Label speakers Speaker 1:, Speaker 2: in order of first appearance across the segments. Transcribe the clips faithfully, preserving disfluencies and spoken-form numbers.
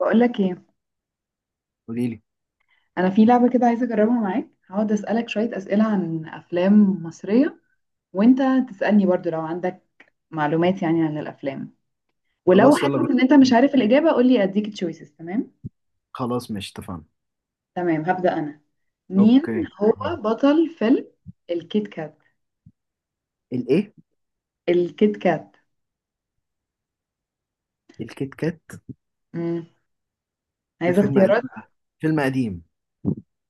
Speaker 1: بقول لك ايه.
Speaker 2: قولي لي.
Speaker 1: انا في لعبه كده عايزه اجربها معاك. هقعد اسالك شويه اسئله عن افلام مصريه، وانت تسالني برضو لو عندك معلومات يعني عن الافلام. ولو
Speaker 2: خلاص
Speaker 1: حاسس
Speaker 2: يلا
Speaker 1: ان انت مش
Speaker 2: بينا.
Speaker 1: عارف الاجابه قول لي اديك تشويسز. تمام
Speaker 2: خلاص ماشي اتفقنا.
Speaker 1: تمام، هبدا انا. مين
Speaker 2: اوكي
Speaker 1: هو
Speaker 2: طيب.
Speaker 1: بطل فيلم الكيت كات؟
Speaker 2: الايه؟
Speaker 1: الكيت كات.
Speaker 2: الكيت كات.
Speaker 1: امم
Speaker 2: ده
Speaker 1: عايزه
Speaker 2: فيلم
Speaker 1: اختيارات.
Speaker 2: قديم. فيلم قديم.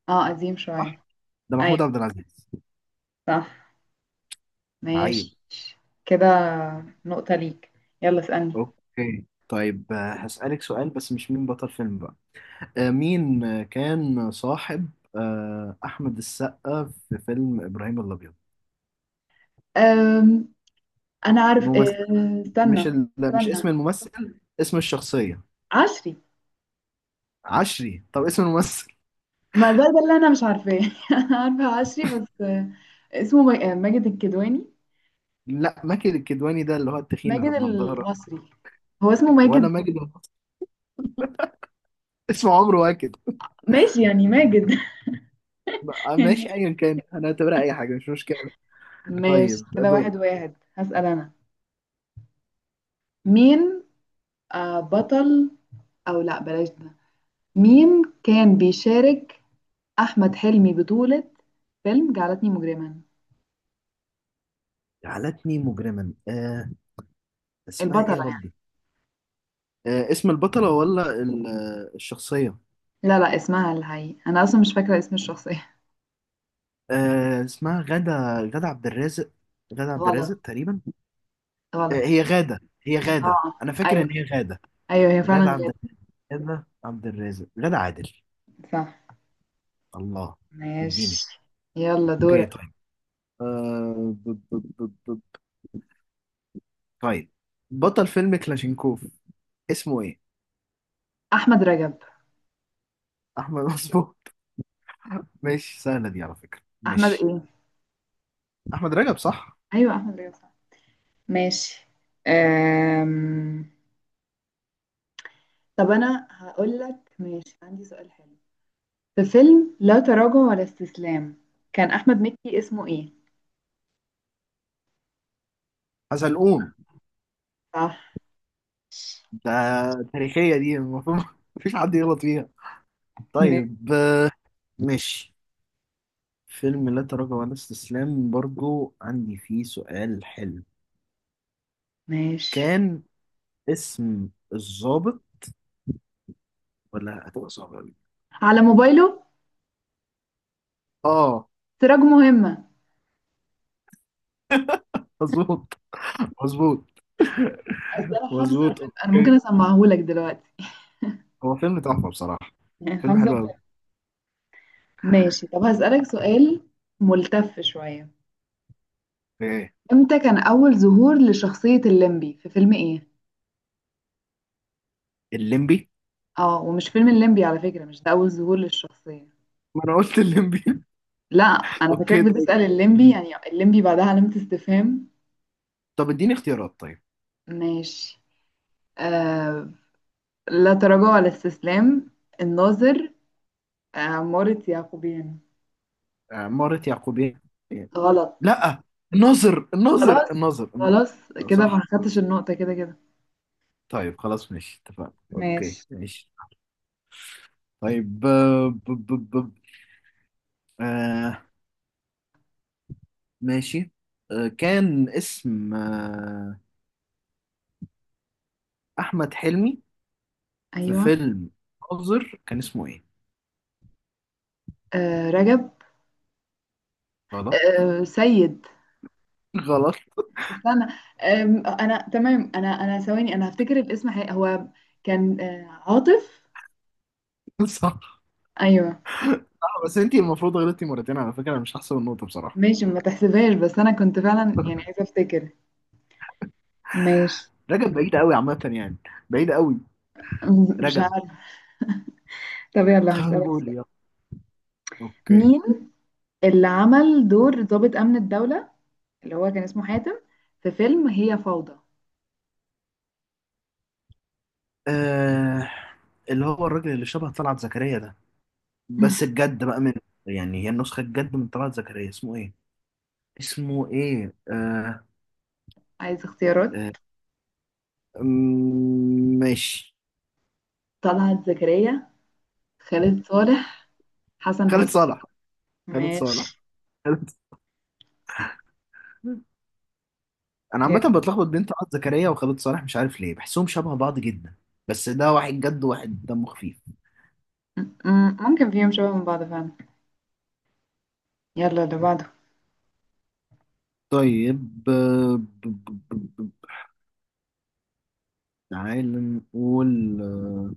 Speaker 1: اه قديم
Speaker 2: صح.
Speaker 1: شويه.
Speaker 2: ده محمود
Speaker 1: ايوه
Speaker 2: عبد العزيز.
Speaker 1: صح
Speaker 2: عيب.
Speaker 1: ماشي كده، نقطه ليك. يلا اسالني.
Speaker 2: اوكي طيب، آه، هسألك سؤال بس مش مين بطل فيلم بقى. آه، مين، آه، كان صاحب آه، احمد السقا في فيلم ابراهيم الابيض؟
Speaker 1: أم... انا عارف،
Speaker 2: الممثل.
Speaker 1: أه،
Speaker 2: مش
Speaker 1: استنى.
Speaker 2: ال... لا، مش اسم
Speaker 1: استنى.
Speaker 2: الممثل، اسم الشخصية.
Speaker 1: عصري.
Speaker 2: عشري. طب اسم الممثل؟
Speaker 1: ما ده ده اللي انا مش عارفاه. انا عارفه عصري بس، آه، اسمه ما- آه، ماجد الكدواني.
Speaker 2: لا، ماجد الكدواني ده اللي هو التخين
Speaker 1: ماجد
Speaker 2: اللي بنضاره.
Speaker 1: المصري، هو اسمه ماجد.
Speaker 2: ولا ماجد الكدواني. اسمه عمرو واكد.
Speaker 1: ماشي يعني ماجد.
Speaker 2: بقى-
Speaker 1: يعني
Speaker 2: ماشي، ايا كان انا اعتبرها اي حاجه مش مشكله.
Speaker 1: ماشي
Speaker 2: طيب
Speaker 1: كده. واحد
Speaker 2: دوري.
Speaker 1: واحد هسأل انا. مين؟ آه، بطل، او لا بلاش ده. مين كان بيشارك احمد حلمي بطولة فيلم جعلتني مجرما؟
Speaker 2: جعلتني مجرما، آه اسمها ايه
Speaker 1: البطلة
Speaker 2: يا
Speaker 1: يعني.
Speaker 2: ربي؟ آه اسم البطله ولا ال- آه، الشخصيه؟
Speaker 1: لا لا، اسمها الحقيقي انا اصلا مش فاكرة اسم الشخصية.
Speaker 2: آه اسمها غادة. غادة عبد الرازق. غادة عبد
Speaker 1: غلط
Speaker 2: الرازق تقريبا. آه
Speaker 1: غلط.
Speaker 2: هي غادة، هي غادة،
Speaker 1: اه،
Speaker 2: انا فاكر
Speaker 1: ايوه
Speaker 2: ان هي غادة.
Speaker 1: ايوه، هي فعلا
Speaker 2: غادة عبد
Speaker 1: غير.
Speaker 2: الرازق. غادة عبد الرازق، غادة عادل.
Speaker 1: صح
Speaker 2: الله. اديني.
Speaker 1: ماشي. يلا
Speaker 2: اوكي
Speaker 1: دورك.
Speaker 2: طيب. آه ب- ب- ب- ب- طيب، بطل فيلم كلاشينكوف اسمه ايه؟
Speaker 1: احمد رجب.
Speaker 2: احمد. مظبوط. ماشي، سهلة دي على فكرة.
Speaker 1: احمد
Speaker 2: ماشي.
Speaker 1: ايه؟
Speaker 2: أحمد رجب صح.
Speaker 1: ايوه احمد رجب صح. ماشي. أم... طب انا هقول لك. ماشي، عندي سؤال حلو. في فيلم لا تراجع ولا استسلام، كان احمد مكي اسمه ايه؟
Speaker 2: حزلقوم.
Speaker 1: صح.
Speaker 2: ده تاريخية دي المفروض مفيش حد يغلط فيها.
Speaker 1: م-
Speaker 2: طيب. آه، ماشي. فيلم لا تراجع ولا استسلام برضو عندي فيه سؤال حلو.
Speaker 1: ماشي.
Speaker 2: كان اسم الضابط، ولا هتبقى صعبة أوي؟
Speaker 1: على موبايله.
Speaker 2: آه
Speaker 1: سراج مهمة.
Speaker 2: مظبوط. مظبوط.
Speaker 1: أصل انا حافظة الفيلم،
Speaker 2: مظبوط
Speaker 1: انا
Speaker 2: أوكي.
Speaker 1: ممكن اسمعهولك دلوقتي.
Speaker 2: هو فيلم تحفة بصراحة.
Speaker 1: يعني
Speaker 2: فيلم
Speaker 1: حافظة
Speaker 2: حلو
Speaker 1: الفيلم.
Speaker 2: أوي.
Speaker 1: ماشي. طب هسألك سؤال ملتف شوية.
Speaker 2: إيه؟
Speaker 1: امتى كان أول ظهور لشخصية الليمبي، في فيلم ايه؟
Speaker 2: الليمبي.
Speaker 1: اه، ومش فيلم الليمبي على فكرة، مش ده أول ظهور للشخصية.
Speaker 2: ما أنا قلت الليمبي.
Speaker 1: لا، أنا فاكراك
Speaker 2: أوكي طيب.
Speaker 1: بتسأل الليمبي، يعني الليمبي بعدها علامة استفهام.
Speaker 2: طب اديني اختيارات طيب.
Speaker 1: ماشي. آه لا تراجع ولا استسلام، الناظر، آه، عمارة يعقوبيان.
Speaker 2: آه، مارة يعقوبيان.
Speaker 1: غلط.
Speaker 2: لا، الناظر، الناظر،
Speaker 1: خلاص.
Speaker 2: الناظر، الناظر.
Speaker 1: خلاص كده، ما
Speaker 2: صح.
Speaker 1: خدتش
Speaker 2: صح.
Speaker 1: النقطة كده كده.
Speaker 2: طيب خلاص ماشي اتفقنا. اوكي
Speaker 1: ماشي.
Speaker 2: ماشي. طيب، آه، ب ب ب آه ماشي. آه كان اسم آه احمد حلمي في
Speaker 1: أيوه.
Speaker 2: فيلم ناظر كان اسمه ايه؟
Speaker 1: آه رجب.
Speaker 2: غلط.
Speaker 1: آه سيد.
Speaker 2: غلط.
Speaker 1: استنى. أم، انا تمام. انا انا ثواني، انا هفتكر الاسم حقيقي. هو كان آه، عاطف.
Speaker 2: صح.
Speaker 1: ايوه.
Speaker 2: آه، بس انتي المفروض غلطتي مرتين على فكرة، انا مش هحسب النقطة بصراحة.
Speaker 1: ماشي، ما تحسبهاش، بس انا كنت فعلا يعني عايزه افتكر. ماشي.
Speaker 2: رجب بعيد قوي عامة يعني. بعيد قوي.
Speaker 1: مش
Speaker 2: رجب.
Speaker 1: عارفه. طب يلا
Speaker 2: طيب
Speaker 1: هسألك.
Speaker 2: قولي يلا. اوكي.
Speaker 1: مين اللي عمل دور ضابط امن الدوله، اللي هو كان اسمه حاتم، في فيلم هي فوضى؟
Speaker 2: آه اللي هو الراجل اللي شبه طلعت زكريا ده، بس الجد بقى منه. يعني هي النسخة الجد من طلعت زكريا. اسمه ايه؟ اسمه ايه؟ آه
Speaker 1: عايز
Speaker 2: آه
Speaker 1: اختيارات.
Speaker 2: أمم، ماشي.
Speaker 1: طلعت زكريا، خالد صالح، حسن
Speaker 2: خالد
Speaker 1: حسني.
Speaker 2: صالح. خالد صالح.
Speaker 1: ماشي
Speaker 2: خالد. انا عامة
Speaker 1: يلا.
Speaker 2: بتلخبط بين طلعت زكريا وخالد صالح، مش عارف ليه. بحسهم شبه بعض جدا. بس ده واحد جد وواحد دمه خفيف.
Speaker 1: م- م- ممكن فيهم شبه من بعض فعلا. يلا اللي بعده.
Speaker 2: طيب، آه، ب- ب- ب- ب- تعال نقول آه،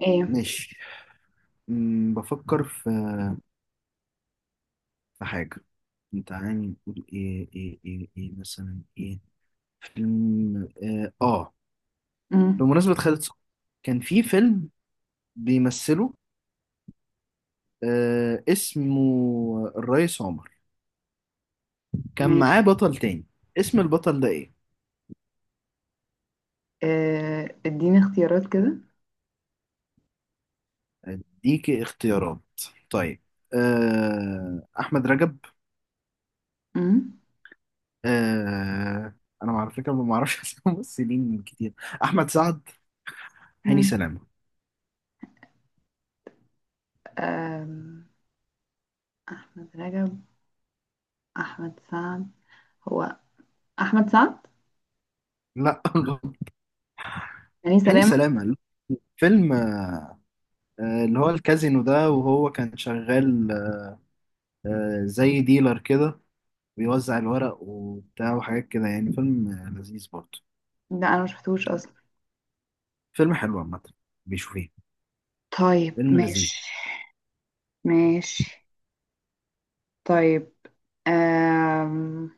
Speaker 1: ايه.
Speaker 2: ماشي. أمم، بفكر في في حاجة. تعالي نقول ايه ايه ايه ايه مثلا ايه. فيلم اه, آه.
Speaker 1: م-
Speaker 2: بمناسبة خالد صالح، كان في فيلم بيمثله، آه اسمه الريس عمر. كان
Speaker 1: ماشي.
Speaker 2: معاه بطل تاني، اسم البطل ده ايه؟
Speaker 1: آه، اديني اختيارات كده.
Speaker 2: اديك اختيارات طيب. آه احمد رجب.
Speaker 1: مم.
Speaker 2: آه انا على فكرة ما بعرفش اسامي ممثلين كتير. احمد سعد. هاني
Speaker 1: مم.
Speaker 2: سلامة.
Speaker 1: آم، احمد رجب، احمد سعد. هو احمد سعد،
Speaker 2: لا.
Speaker 1: يعني
Speaker 2: هاني
Speaker 1: سلامة.
Speaker 2: سلامة. فيلم آه، اللي هو الكازينو ده وهو كان شغال آه، زي ديلر كده، بيوزع الورق وبتاع وحاجات كده يعني. فيلم آه، لذيذ برضه.
Speaker 1: لا انا مش شفتوش اصلا.
Speaker 2: فيلم حلو عامة. بيشوفيه.
Speaker 1: طيب
Speaker 2: فيلم لذيذ.
Speaker 1: ماشي. ماشي طيب. آم.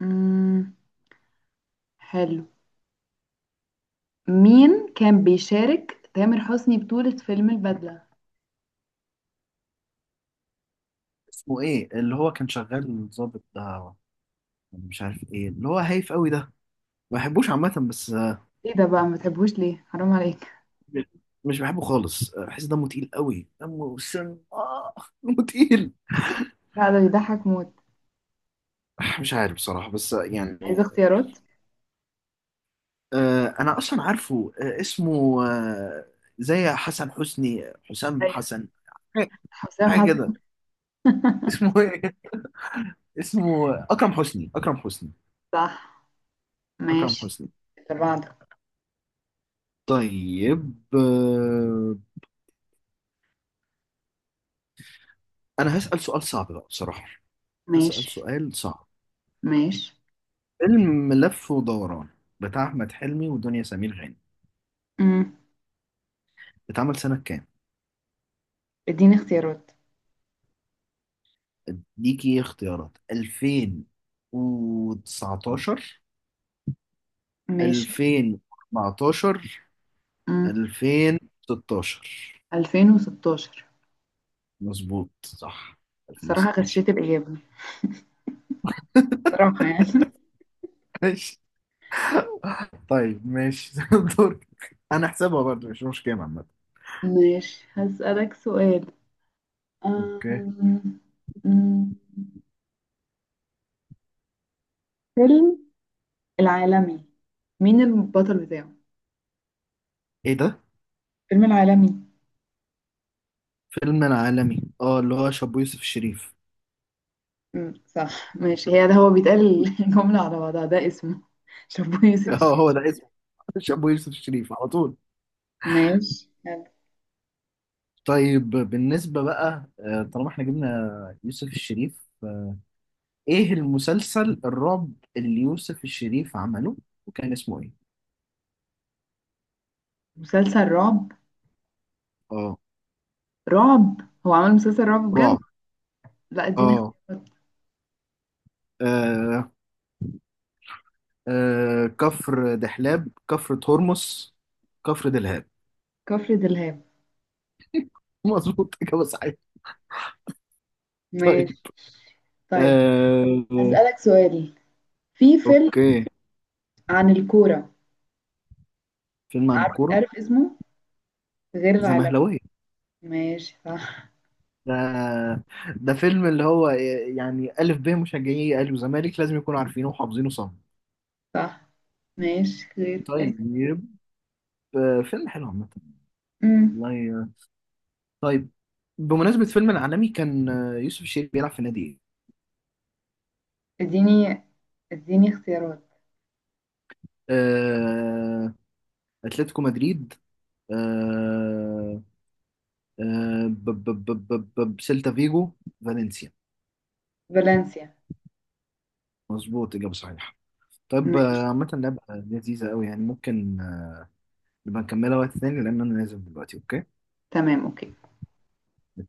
Speaker 1: مم. حلو. مين كان بيشارك تامر حسني بطولة فيلم البدلة؟
Speaker 2: اسمه ايه اللي هو كان شغال ضابط ده؟ مش عارف ايه اللي هو هايف قوي ده. ما بحبوش عامة بس آه،
Speaker 1: ايه ده بقى؟ ما بتحبوش ليه؟ حرام عليك.
Speaker 2: مش بحبه خالص. آه، بحس دمه تقيل قوي، دمه سم اه دمه تقيل.
Speaker 1: لا، ده بيضحك موت.
Speaker 2: آه، مش عارف بصراحة بس آه،
Speaker 1: عايزة
Speaker 2: يعني.
Speaker 1: اختيارات.
Speaker 2: آه، انا اصلا عارفه، آه، اسمه، آه، زي حسن حسني، حسام
Speaker 1: ايوه
Speaker 2: حسن، حاجه،
Speaker 1: حسام
Speaker 2: حاجة كده.
Speaker 1: حسن.
Speaker 2: اسمه ايه؟ اسمه اكرم حسني. اكرم حسني.
Speaker 1: صح
Speaker 2: اكرم
Speaker 1: ماشي.
Speaker 2: حسني.
Speaker 1: اللي بعده.
Speaker 2: طيب، آه، انا هسأل سؤال صعب بقى بصراحه. هسأل
Speaker 1: ماشي.
Speaker 2: سؤال صعب.
Speaker 1: ماشي،
Speaker 2: فيلم لف ودوران بتاع احمد حلمي ودنيا سمير غانم،
Speaker 1: امم
Speaker 2: اتعمل سنه كام؟
Speaker 1: اديني اختيارات.
Speaker 2: اديكي اختيارات: ألفين وتسعة عشر،
Speaker 1: ماشي،
Speaker 2: ألفين واربعتاشر،
Speaker 1: امم
Speaker 2: ألفين وستاشر.
Speaker 1: ألفين وستاشر.
Speaker 2: مظبوط صح،
Speaker 1: الصراحة
Speaker 2: ألفين وستاشر.
Speaker 1: غشيت الإجابة صراحة يعني.
Speaker 2: ماشي. طيب ماشي. دورك. انا احسبها برضه، مش مشكلة عامة.
Speaker 1: ماشي هسألك سؤال.
Speaker 2: اوكي.
Speaker 1: أم... أم، فيلم العالمي، مين البطل بتاعه؟
Speaker 2: ايه ده؟
Speaker 1: فيلم العالمي.
Speaker 2: فيلم العالمي. اه، اللي هو شابو يوسف الشريف.
Speaker 1: أم، صح ماشي. هي ده هو بيتقال الجملة على بعضها، ده اسمه، شابو يوسف
Speaker 2: اه،
Speaker 1: الشريف.
Speaker 2: هو ده اسمه. شابو يوسف الشريف على طول.
Speaker 1: ماشي يلا.
Speaker 2: طيب بالنسبة بقى، آه، طالما احنا جبنا يوسف الشريف، آه، ايه المسلسل الرعب اللي يوسف الشريف عمله وكان اسمه ايه؟
Speaker 1: مسلسل رعب.
Speaker 2: اه.
Speaker 1: رعب، هو عمل مسلسل رعب بجد؟
Speaker 2: رعب.
Speaker 1: لا، اديني
Speaker 2: اه.
Speaker 1: اختيارات.
Speaker 2: آه، آه كفر دحلاب، كفر هرمس، كفر دلهاب.
Speaker 1: كفر دلهاب.
Speaker 2: مظبوط، إجابة صحيحة. طيب.
Speaker 1: ماشي. طيب
Speaker 2: آه
Speaker 1: هسألك سؤال، في فيلم
Speaker 2: أوكي.
Speaker 1: عن الكورة.
Speaker 2: فيلم عن
Speaker 1: عارف
Speaker 2: الكورة.
Speaker 1: عارف اسمه، غير العالمي.
Speaker 2: زمهلوية.
Speaker 1: ماشي صح.
Speaker 2: ده ده فيلم اللي هو، آه، يعني، ألف ب مشجعي أهلي وزمالك لازم يكونوا عارفينه وحافظينه صم.
Speaker 1: صح ماشي، غير.
Speaker 2: طيب. آه فيلم حلو عامة.
Speaker 1: امم
Speaker 2: والله، آه، طيب. بمناسبة فيلم العالمي، كان آه، يوسف الشريف بيلعب في نادي إيه؟
Speaker 1: اديني، اديني اختيارات.
Speaker 2: آه، أتلتيكو مدريد، آه، آه، ب- ب- ب- ب- ب- سيلتا فيجو، فالنسيا.
Speaker 1: فالنسيا.
Speaker 2: مظبوط، إجابة صحيحة. طيب،
Speaker 1: ماشي
Speaker 2: آه، عامة لعبة لذيذة أوي يعني، ممكن آه، نبقى نكملها وقت تاني لأن أنا نازل دلوقتي. أوكي؟
Speaker 1: تمام اوكي.
Speaker 2: اتفقنا.